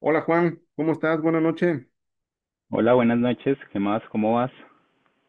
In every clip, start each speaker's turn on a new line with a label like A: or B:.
A: Hola Juan, ¿cómo estás? Buenas noches.
B: Hola, buenas noches. ¿Qué más? ¿Cómo vas?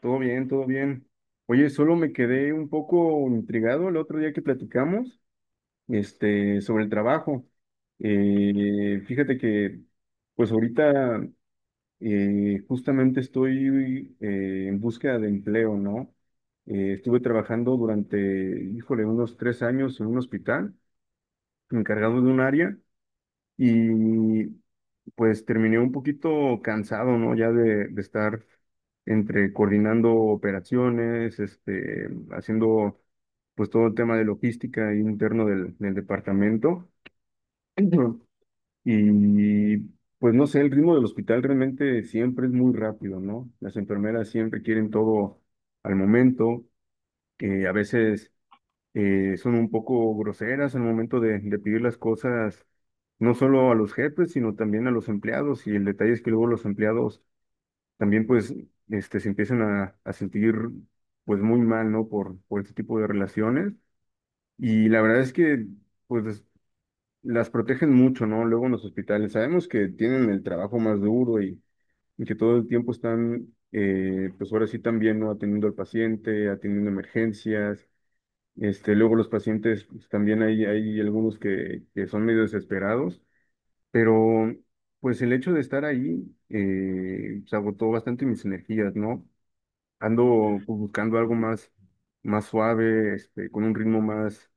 A: Todo bien, todo bien. Oye, solo me quedé un poco intrigado el otro día que platicamos, sobre el trabajo. Fíjate que, pues ahorita justamente estoy en búsqueda de empleo, ¿no? Estuve trabajando durante, híjole, unos 3 años en un hospital, encargado de un área, y pues terminé un poquito cansado, ¿no? Ya de estar entre coordinando operaciones, este, haciendo pues todo el tema de logística interno del departamento. Ujú. Y pues no sé, el ritmo del hospital realmente siempre es muy rápido, ¿no? Las enfermeras siempre quieren todo al momento, que a veces son un poco groseras al momento de pedir las cosas, no solo a los jefes, sino también a los empleados. Y el detalle es que luego los empleados también, pues, este, se empiezan a sentir, pues, muy mal, ¿no? Por este tipo de relaciones. Y la verdad es que, pues, las protegen mucho, ¿no? Luego en los hospitales. Sabemos que tienen el trabajo más duro y que todo el tiempo están, pues, ahora sí también, ¿no? Atendiendo al paciente, atendiendo emergencias este, luego los pacientes, pues, también hay algunos que son medio desesperados, pero pues el hecho de estar ahí pues, agotó bastante mis energías, ¿no? Ando pues, buscando algo más, más suave, este, con un ritmo más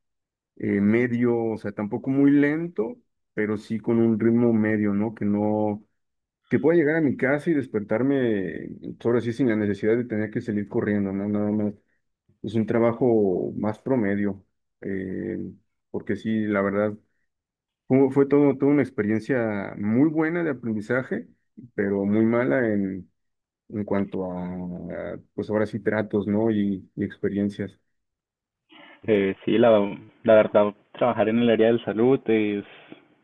A: medio, o sea, tampoco muy lento, pero sí con un ritmo medio, ¿no? Que no, que pueda llegar a mi casa y despertarme, pues, ahora sí, sin la necesidad de tener que salir corriendo, ¿no? Nada más es un trabajo más promedio, eh, porque sí, la verdad, fue, fue todo, toda una experiencia muy buena de aprendizaje, pero muy mala en cuanto a, pues ahora sí, tratos, ¿no? Y experiencias.
B: Sí, la verdad, trabajar en el área de salud es,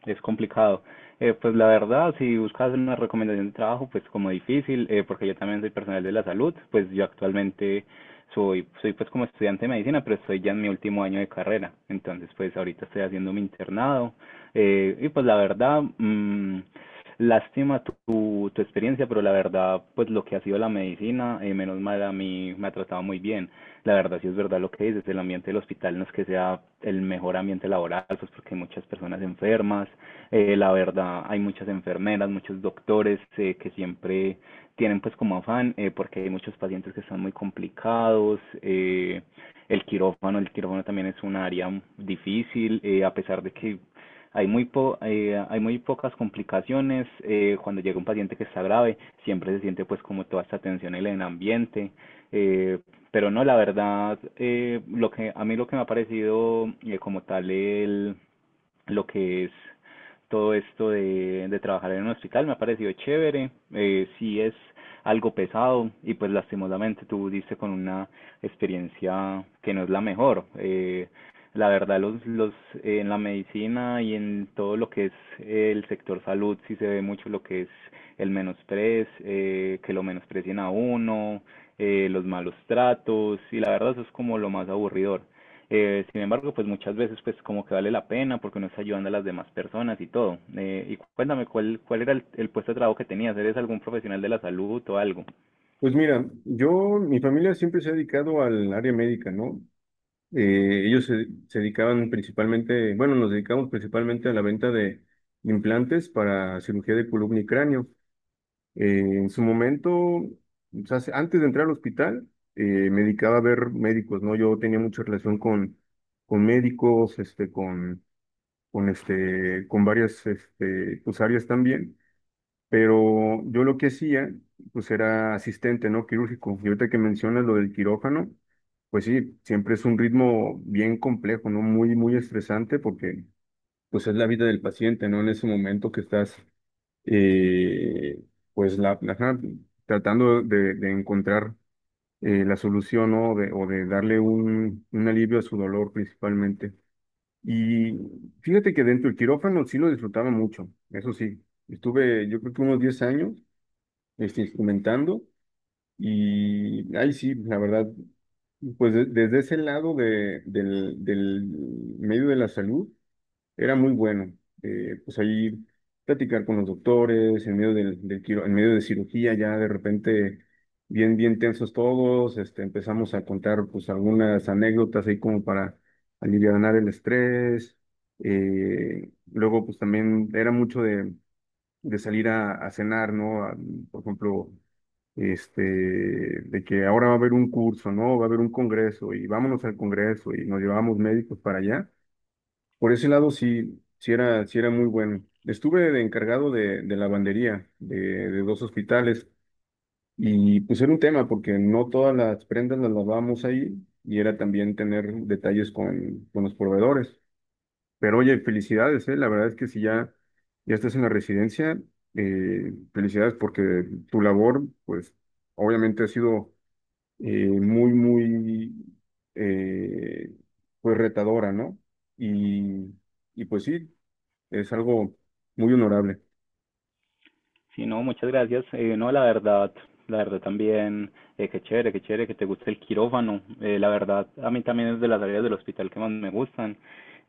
B: es complicado. Pues la verdad, si buscas una recomendación de trabajo, pues como difícil, porque yo también soy personal de la salud, pues yo actualmente soy, pues como estudiante de medicina, pero estoy ya en mi último año de carrera. Entonces, pues ahorita estoy haciendo mi internado. Y pues la verdad, lástima tu experiencia, pero la verdad, pues lo que ha sido la medicina, menos mal a mí me ha tratado muy bien. La verdad, sí es verdad lo que dices, el ambiente del hospital no es que sea el mejor ambiente laboral, pues porque hay muchas personas enfermas, la verdad, hay muchas enfermeras, muchos doctores que siempre tienen pues como afán, porque hay muchos pacientes que están muy complicados, el quirófano también es un área difícil, a pesar de que hay muy pocas complicaciones. Cuando llega un paciente que está grave, siempre se siente pues como toda esta tensión en el ambiente. eh, pero no, la verdad, lo que, a mí lo que me ha parecido lo que es todo esto de trabajar en un hospital me ha parecido chévere, sí es algo pesado y pues lastimosamente tú diste con una experiencia que no es la mejor, la verdad, los, en la medicina y en todo lo que es el sector salud, sí se ve mucho lo que es el menosprez, que lo menosprecien a uno, los malos tratos, y la verdad eso es como lo más aburridor. Sin embargo, pues muchas veces pues como que vale la pena porque uno está ayudando a las demás personas y todo. Y cuéntame, ¿cuál era el puesto de trabajo que tenías? ¿Eres algún profesional de la salud o algo?
A: Pues mira, yo, mi familia siempre se ha dedicado al área médica, ¿no? Ellos se, se dedicaban principalmente, bueno, nos dedicamos principalmente a la venta de implantes para cirugía de columna y cráneo. En su momento, o sea, se- antes de entrar al hospital, me dedicaba a ver médicos, ¿no? Yo tenía mucha relación con médicos, este, con, con varias este, pues, áreas también, pero yo lo que hacía, pues era asistente, ¿no? Quirúrgico. Y ahorita que mencionas lo del quirófano, pues sí, siempre es un ritmo bien complejo, ¿no? Muy, muy estresante porque, pues es la vida del paciente, ¿no? En ese momento que estás eh, pues la ajá, tratando de encontrar la solución, ¿no? De- o de darle un alivio a su dolor principalmente. Y fíjate que dentro del quirófano sí lo disfrutaba mucho, eso sí, estuve yo creo que unos 10 años este, instrumentando y ahí sí, la verdad, pues de- desde ese lado de- del medio de la salud. Era muy bueno. Pues allí platicar con los doctores, en medio del quiro- en medio de cirugía, ya de repente bien, bien tensos todos, este, empezamos a contar pues algunas anécdotas ahí como para alivianar el estrés. Luego pues también era mucho de salir a cenar, ¿no? A- por ejemplo, este, de que ahora va a haber un curso, ¿no? Va a haber un congreso y vámonos al congreso y nos llevábamos médicos para allá. Por ese lado sí, sí era muy bueno. Estuve de encargado de lavandería de 2 hospitales y pues era un tema porque no todas las prendas las lavábamos ahí y era también tener detalles con los proveedores. Pero oye, felicidades, ¿eh? La verdad es que si ya, ya estás en la residencia, felicidades porque tu labor, pues obviamente ha sido muy, muy, eh, pues retadora, ¿no? Y, y pues sí. Es algo muy honorable.
B: Sí, no, muchas gracias. No, la verdad también, qué chévere que te guste el quirófano. La verdad, a mí también es de las áreas del hospital que más me gustan.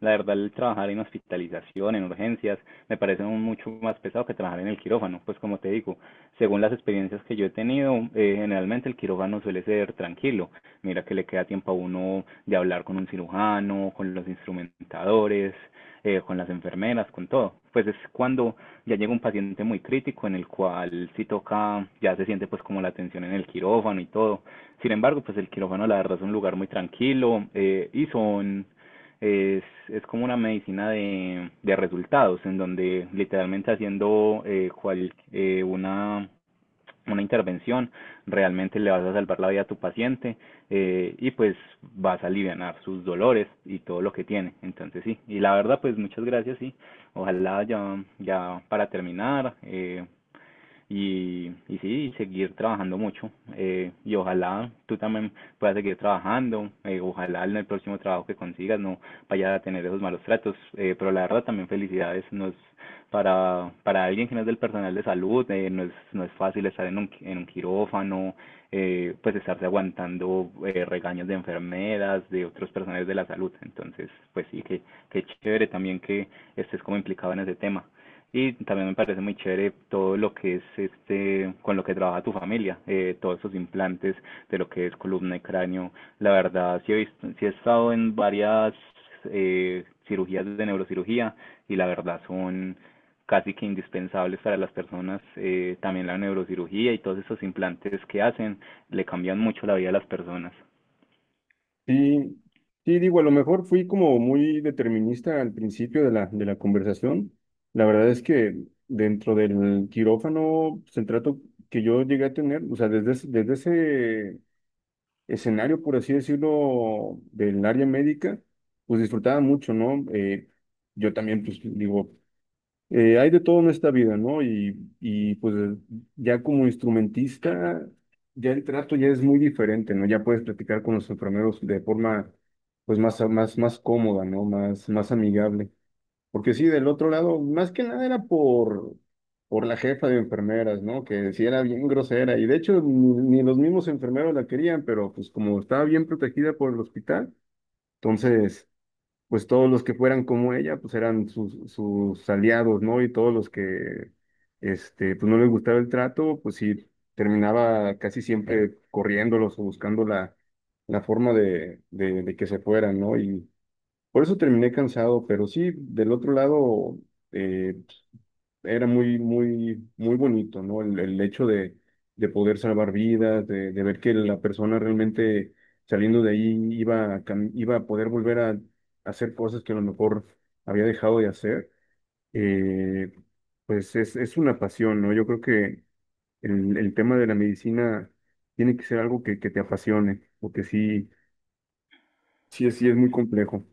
B: La verdad, el trabajar en hospitalización, en urgencias, me parece un mucho más pesado que trabajar en el quirófano, pues como te digo. Según las experiencias que yo he tenido, generalmente el quirófano suele ser tranquilo. Mira que le queda tiempo a uno de hablar con un cirujano, con los instrumentadores, con las enfermeras, con todo. Pues es cuando ya llega un paciente muy crítico en el cual si toca, ya se siente pues como la tensión en el quirófano y todo. Sin embargo, pues el quirófano la verdad es un lugar muy tranquilo y son es como una medicina de resultados, en donde literalmente haciendo una intervención, realmente le vas a salvar la vida a tu paciente y pues vas a aliviar sus dolores y todo lo que tiene. Entonces sí, y la verdad pues muchas gracias, sí. Ojalá ya, ya para terminar y sí, y seguir trabajando mucho y ojalá tú también puedas seguir trabajando, ojalá en el próximo trabajo que consigas no vayas a tener esos malos tratos, pero la verdad también felicidades, nos para alguien que no es del personal de salud, no es fácil estar en un quirófano, pues estarse aguantando regaños de enfermeras, de otros personales de la salud. Entonces, pues sí, que chévere también que estés como implicado en ese tema. Y también me parece muy chévere todo lo que es este, con lo que trabaja tu familia, todos esos implantes de lo que es columna y cráneo. La verdad, sí he visto, sí he estado en varias cirugías de neurocirugía y la verdad son casi que indispensables para las personas, también la neurocirugía y todos esos implantes que hacen le cambian mucho la vida a las personas.
A: Sí, sí, digo, a lo mejor fui como muy determinista al principio de la conversación. La verdad es que dentro del quirófano, pues, el trato que yo llegué a tener, o sea, desde ese escenario, por así decirlo, del área médica, pues disfrutaba mucho, ¿no? Yo también, pues digo, eh, hay de todo en esta vida, ¿no? Y pues ya como instrumentista, ya el trato ya es muy diferente, ¿no? Ya puedes platicar con los enfermeros de forma pues más, más, más cómoda, ¿no? Más, más amigable. Porque sí, del otro lado, más que nada era por la jefa de enfermeras, ¿no? Que sí era bien grosera. Y de hecho, ni, ni los mismos enfermeros la querían, pero pues como estaba bien protegida por el hospital, entonces pues todos los que fueran como ella, pues eran sus, sus aliados, ¿no? Y todos los que, este, pues no les gustaba el trato, pues sí, terminaba casi siempre corriéndolos o buscando la, la forma de que se fueran, ¿no? Y por eso terminé cansado, pero sí, del otro lado, eh, era muy, muy, muy bonito, ¿no? El hecho de poder salvar vidas, de ver que la persona realmente saliendo de ahí iba a, cam- iba a poder volver a, hacer cosas que a lo mejor había dejado de hacer, eh, pues es una pasión, ¿no? Yo creo que el tema de la medicina tiene que ser algo que te apasione, porque sí, sí, sí es muy complejo.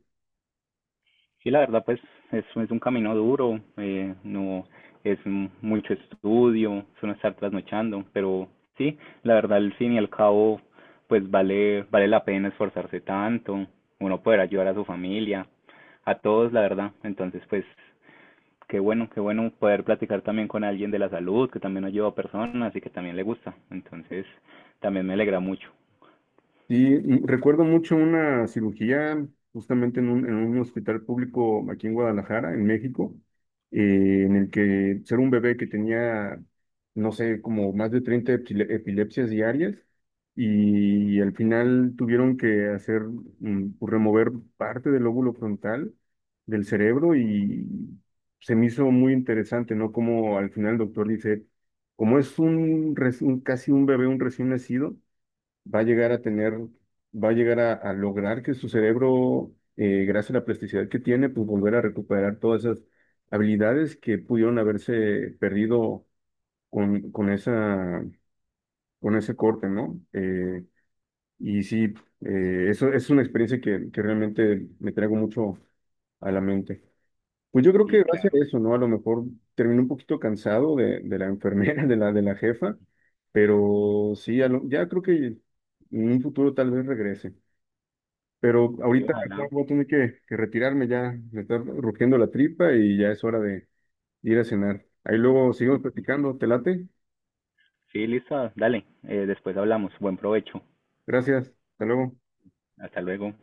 B: Sí, la verdad, pues es un camino duro, no es mucho estudio, es no estar trasnochando, pero sí, la verdad, al fin y al cabo, pues vale, vale la pena esforzarse tanto, uno poder ayudar a su familia, a todos, la verdad. Entonces, pues qué bueno, qué bueno poder platicar también con alguien de la salud, que también ayuda a personas y que también le gusta. Entonces, también me alegra mucho.
A: Sí, y mm, recuerdo mucho una cirugía justamente en un hospital público aquí en Guadalajara, en México, en el que era un bebé que tenía, no sé, como más de 30 epile- epilepsias diarias y al final tuvieron que hacer, mm, pues, remover parte del lóbulo frontal del cerebro y se me hizo muy interesante, ¿no? Como al final el doctor dice, como es un, res- un casi un bebé, un recién nacido va a llegar a tener, va a llegar a lograr que su cerebro, gracias a la plasticidad que tiene, pues volver a recuperar todas esas habilidades que pudieron haberse perdido con esa, con ese corte, ¿no? Y sí, eso es una experiencia que realmente me traigo mucho a la mente. Pues yo creo
B: Sí,
A: que gracias a
B: claro.
A: eso, ¿no? A lo mejor terminé un poquito cansado de la enfermera, de la jefa, pero sí, a lo- ya creo que en un futuro tal vez regrese. Pero
B: Y
A: ahorita Juan,
B: ojalá.
A: voy a tener que retirarme ya. Me está rugiendo la tripa y ya es hora de ir a cenar. Ahí luego seguimos platicando. ¿Te late?
B: Sí, listo, dale. Después hablamos. Buen provecho.
A: Gracias. Hasta luego.
B: Hasta luego.